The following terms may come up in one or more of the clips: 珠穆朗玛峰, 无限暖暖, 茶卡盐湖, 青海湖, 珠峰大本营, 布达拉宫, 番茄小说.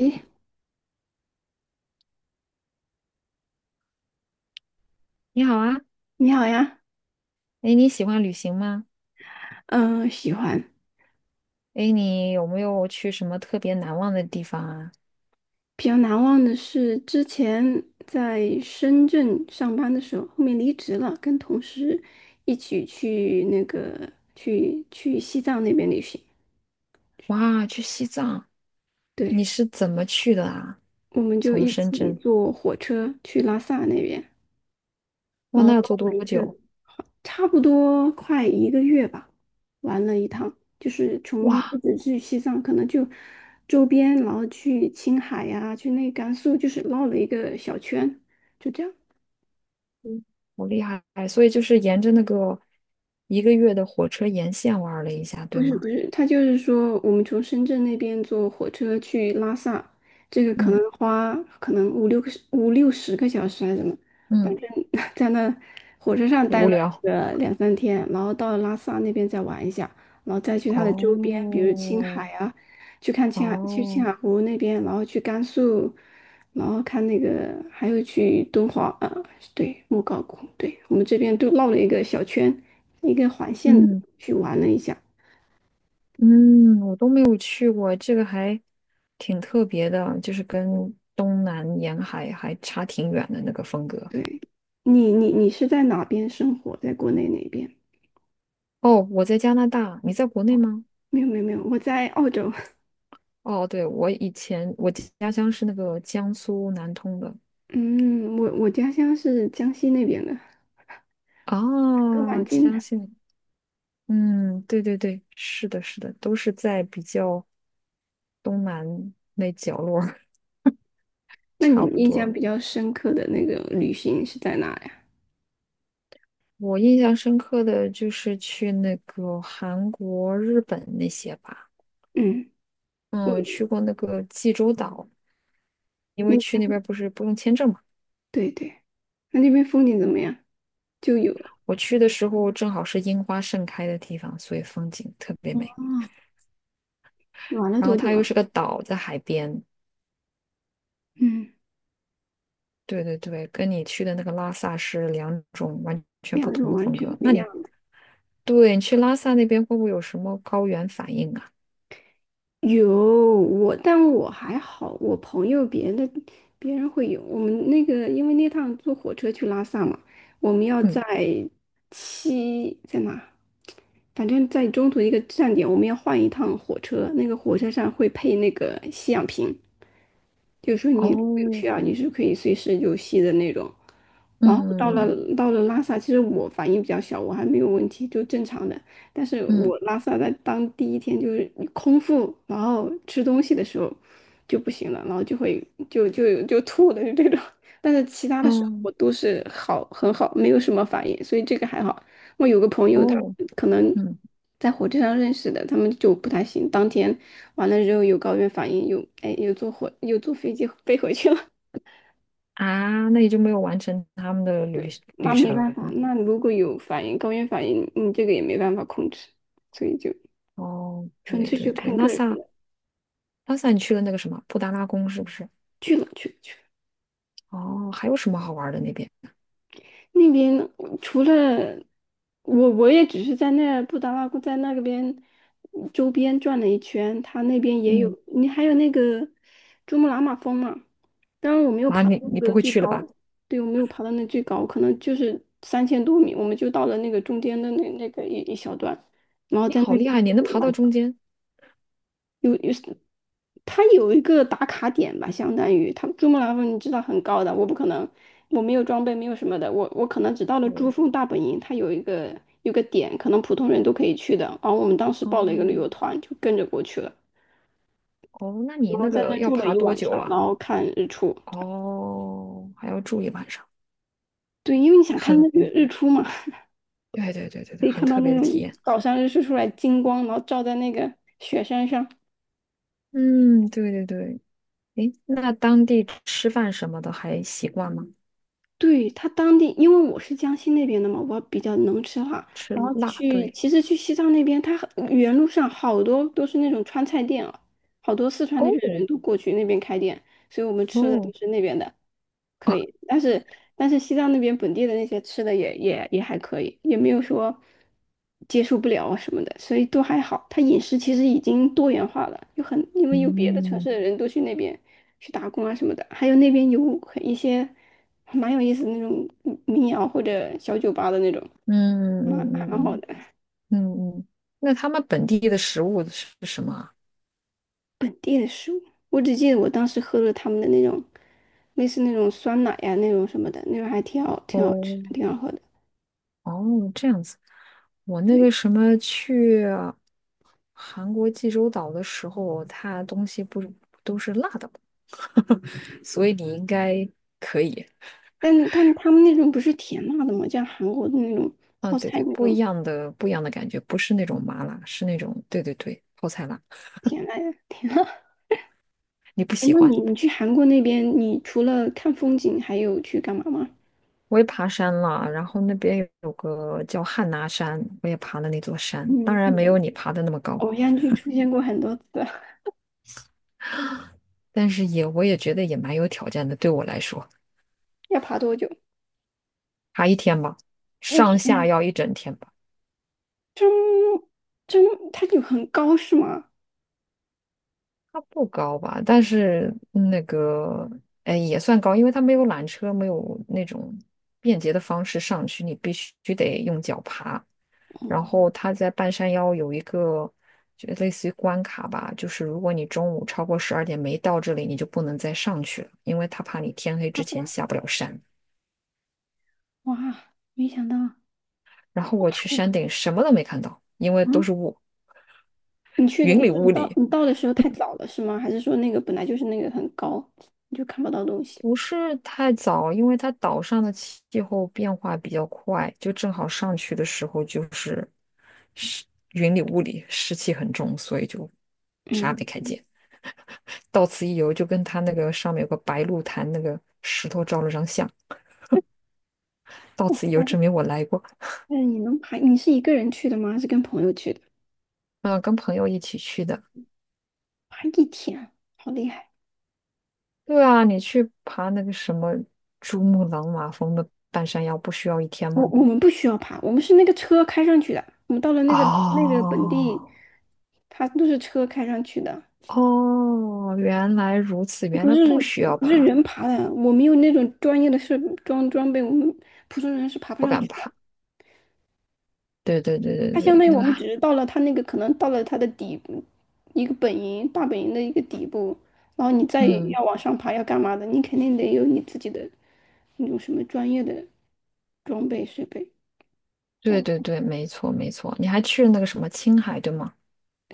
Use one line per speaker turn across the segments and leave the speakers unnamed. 诶，
你好啊。
你好呀，
哎，你喜欢旅行吗？
嗯、喜欢。
哎，你有没有去什么特别难忘的地方啊？
比较难忘的是之前在深圳上班的时候，后面离职了，跟同事一起去西藏那边旅行。
哇，去西藏。你
对，
是怎么去的啊？
我们就
从
一
深
起
圳。
坐火车去拉萨那边，
哇，
然
那
后
要
弄
坐多
了一个
久？
差不多快一个月吧，玩了一趟，就是从不
哇，
止去西藏，可能就周边，然后去青海呀、去那甘肃，就是绕了一个小圈，就这样。
好厉害！所以就是沿着那个一个月的火车沿线玩了一下，对
不是
吗？
不是，他就是说，我们从深圳那边坐火车去拉萨，这个可
嗯
能花可能五六个五六十个小时还是怎么，反
嗯，
正 在那火车上待
无
了
聊。
个两三天，然后到拉萨那边再玩一下，然后再去它的周边，比如青
哦
海啊，去看青海，去青
哦，
海湖那边，然后去甘肃，然后看那个，还有去敦煌啊，对，莫高窟，对，我们这边都绕了一个小圈，一个环线
嗯。
去玩了一下。
嗯，我都没有去过，这个还挺特别的，就是跟东南沿海还差挺远的那个风格。
对，你是在哪边生活？在国内哪边？
哦，我在加拿大，你在国内吗？
没有没有没有，我在澳洲。
哦，对，我以前我家乡是那个江苏南通的。
嗯，我家乡是江西那边的，还都蛮
啊，
近
江
的。
信。嗯，对对对，是的，是的，都是在比较东南那角落儿
那你
差
们
不
印象
多。
比较深刻的那个旅行是在哪呀？
我印象深刻的就是去那个韩国、日本那些吧。
嗯，我
嗯，去过那个济州岛，因
那
为去
边
那边不是不用签证嘛。
对对，那边风景怎么样？就有
我去的时候正好是樱花盛开的地方，所以风景特别美。
啊，玩了
然
多
后
久
它又
啊？
是个岛，在海边。
嗯，
对对对，跟你去的那个拉萨是两种完全不
两
同
种
的
完
风
全
格。
不一样。
对，你去拉萨那边会不会有什么高原反应啊？
有我，但我还好，我朋友别人的别人会有。我们那个，因为那趟坐火车去拉萨嘛，我们要
嗯。
在七在哪？反正在中途一个站点，我们要换一趟火车，那个火车上会配那个吸氧瓶。就是说你如果有需
哦。
要，你是可以随时就吸的那种。然后到
嗯
了到了拉萨，其实我反应比较小，我还没有问题，就正常的。但是
嗯嗯。
我拉萨在当第一天就是空腹，然后吃东西的时候就不行了，然后就会就吐的这种。但是其他的时候我
哦
都是很好，没有什么反应，所以这个还好。我有个朋友他
哦。
可能
嗯。
在火车上认识的，他们就不太行，当天完了之后有高原反应，有哎有坐火有坐飞机飞回去了。
啊，那你就没有完成他们的 旅
对，那
旅
没
程。
办法，那如果有反应，高原反应，你这个也没办法控制，所以就
哦，
纯
对
粹就
对对，
看个
拉
人
萨
了。
拉萨你去了那个什么布达拉宫是不是？
去了去了去了。
哦，还有什么好玩的那边？
那边除了我，我也只是在那布达拉宫在那个边周边转了一圈，它那边也
嗯，
有，你还有那个珠穆朗玛峰嘛。当然我没有
妈，
爬到
你
那
你不
个
会
最
去了吧？
高，对，我没有爬到那最高，可能就是3000多米，我们就到了那个中间的那个一小段，然后
你
在那
好
边。
厉害，你能爬到中间。
有，它有一个打卡点吧，相当于它珠穆朗玛峰，你知道很高的，我不可能，我没有装备，没有什么的，我可能只到了珠
对。
峰大本营，它有一个点，可能普通人都可以去的。然后我们当时报了一个旅
哦
游团，就跟着过去了，
哦，那你
然后
那
在
个
那
要
住了
爬
一
多
晚
久
上，然
啊？
后看日出。
哦，还要住一晚上。
对，因为你想看
很，
那个日出嘛，
对对对对
可
对，
以
很
看到
特
那
别的体
种
验。
早上日出出来金光，然后照在那个雪山上。
嗯，对对对。诶，那当地吃饭什么的还习惯吗？
对，他当地，因为我是江西那边的嘛，我比较能吃辣。
吃
然后
辣，
去，
对。
其实去西藏那边，他原路上好多都是那种川菜店啊，好多四川那边的
哦
人都过去那边开店，所以我们吃的都
哦。
是那边的。可以，但是西藏那边本地的那些吃的也还可以，也没有说接受不了啊什么的，所以都还好。他饮食其实已经多元化了，有很因为有别的城
嗯
市的人都去那边去打工啊什么的，还有那边有很一些还蛮有意思的那种民谣或者小酒吧的那种，
嗯嗯嗯
蛮好
嗯。
的
嗯嗯，那他们本地的食物是什么啊？
本地的食物。我只记得我当时喝了他们的那种类似那种酸奶呀、那种什么的，那种还挺好吃，
哦
挺好喝的。
哦，这样子。我那个
对。
什么去韩国济州岛的时候，它东西不都是辣的吗？所以你应该可以。
但是他们那种不是甜辣的吗？像韩国的那种
啊，
泡
对
菜
对，
那
不一
种
样的不一样的感觉，不是那种麻辣，是那种对对对泡菜辣。
甜辣的甜辣。
你不
哎，
喜
那
欢？
你去韩国那边，你除了看风景，还有去干嘛吗？
我也爬山了，然后那边有个叫汉拿山，我也爬了那座山，当
嗯，
然没有你爬的那么高。
偶像剧出现过很多次，
但是也我也觉得也蛮有挑战的，对我来说，
要爬多久？
爬一天吧，
一
上下
天。
要一整天吧。
真真，它就很高是吗？
它不高吧，但是那个哎也算高，因为它没有缆车，没有那种便捷的方式上去，你必须得用脚爬。然
哇，
后它在半山腰有一个就类似于关卡吧，就是如果你中午超过12点没到这里，你就不能再上去了，因为他怕你天黑
大
之
不
前
来，
下不了山。
哇，没想到要
然后我
爬
去
一
山
天。
顶什么都没看到，因为都
嗯，
是雾，
你去的，
云
你
里
说
雾里。
你到的时候太早了是吗？还是说那个本来就是那个很高，你就看不到东西？
不是太早，因为它岛上的气候变化比较快，就正好上去的时候就是湿云里雾里，湿气很重，所以就啥也
嗯。
没看见。到此一游，就跟他那个上面有个白鹿潭那个石头照了张相。到此一游，证明我来过。
那你能爬？你是一个人去的吗？还是跟朋友去的？
嗯、跟朋友一起去的。
爬一天，好厉害！
对啊，你去爬那个什么珠穆朗玛峰的半山腰，不需要一天吗？
我们不需要爬，我们是那个车开上去的。我们到了那个本地，
哦。
它都是车开上去的，
哦，原来如此，原
不
来不
是
需要
不是
怕。
人爬的。我们有那种专业的装备，我们普通人是爬不
不
上
敢
去的。
怕。对对对对
它相
对，
当于
那
我
个，
们只是到了它那个，可能到了它的底部，一个大本营的一个底部，然后你再
嗯，
要往上爬要干嘛的，你肯定得有你自己的那种什么专业的。装备水杯，
对
我
对对，没错没错。你还去了那个什么青海，对吗？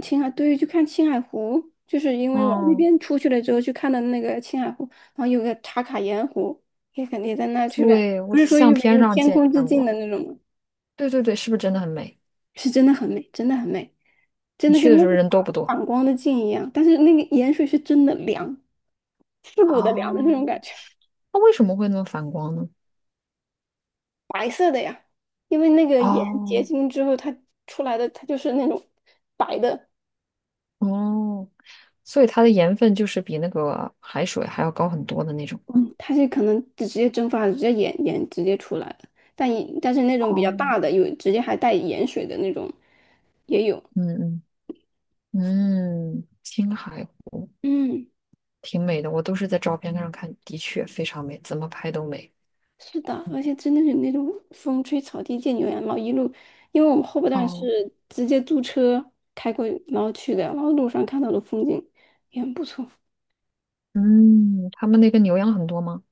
青海对，去看青海湖，就是因为往那
嗯，
边出去了之后去看的那个青海湖，然后有个茶卡盐湖，也肯定在那去看，
对，我
不
的
是说玉
相
美
片
就
上
天
见
空之镜
过。
的那种吗？
对对对，是不是真的很美？
是真的很美，真的很美，真
你
的
去
跟
的时
那
候
个
人多不多？
反光的镜一样，但是那个盐水是真的凉，刺骨的凉的那
哦，
种感觉，
那为什么会那么反光呢？
白色的呀，因为那个盐结
哦
晶之后它出来的它就是那种白的。
哦，所以它的盐分就是比那个海水还要高很多的那种。
嗯，它是可能直接蒸发了，直接盐直接出来了，但是那种比较
哦。
大的，有直接还带盐水的那种也有。
嗯嗯嗯，青海。
嗯，
挺美的，我都是在照片上看，的确非常美，怎么拍都美。
是的，
嗯。
而且真的是那种风吹草低见牛羊毛，一路，因为我们后半段
哦。
是直接租车开过去然后去的，然后路上看到的风景也很不错。
嗯，他们那个牛羊很多吗？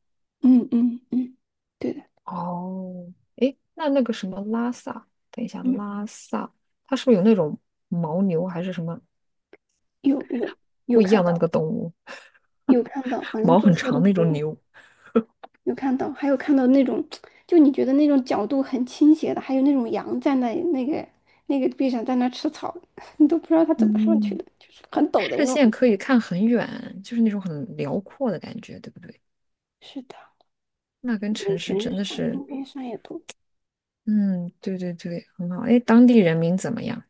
嗯嗯嗯，对的，
哦。诶，那那个什么拉萨，等一下，
嗯，
拉萨，它是不是有那种牦牛还是什么
有有有
不一
看
样的那
到，
个动物？
反正
毛
坐
很
车的
长那
时
种
候。
牛。
有看到，还有看到那种，就你觉得那种角度很倾斜的，还有那种羊站在那个地上在那吃草，你都不知道它怎么上去
嗯，
的，就是很陡的那
视
种。
线可以看很远，就是那种很辽阔的感觉，对不对？
是的，
那跟
眼
城市
全
真
是
的
山，
是。
路边山也多。
嗯，对对对，很好。诶，当地人民怎么样？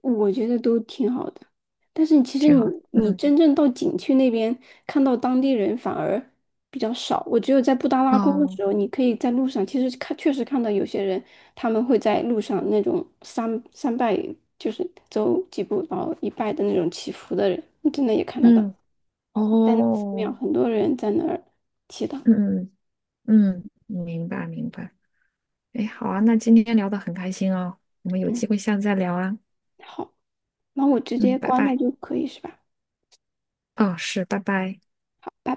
我觉得都挺好的，但是其实
挺好。
你
嗯。
真正到景区那边看到当地人反而比较少。我只有在布达拉宫的
哦。
时候，你可以在路上，其实看确实看到有些人他们会在路上那种三三拜，就是走几步然后一拜的那种祈福的人，你真的也看得到，
嗯。
在那寺庙
哦。
很多人在那儿祈祷。
嗯嗯嗯，明白明白。哎，好啊，那今天聊得很开心哦，我们有
嗯，
机会下次再聊啊。
好，那我直
嗯，
接
拜
关了
拜。
就可以是吧？
哦，是，拜拜。
拜拜。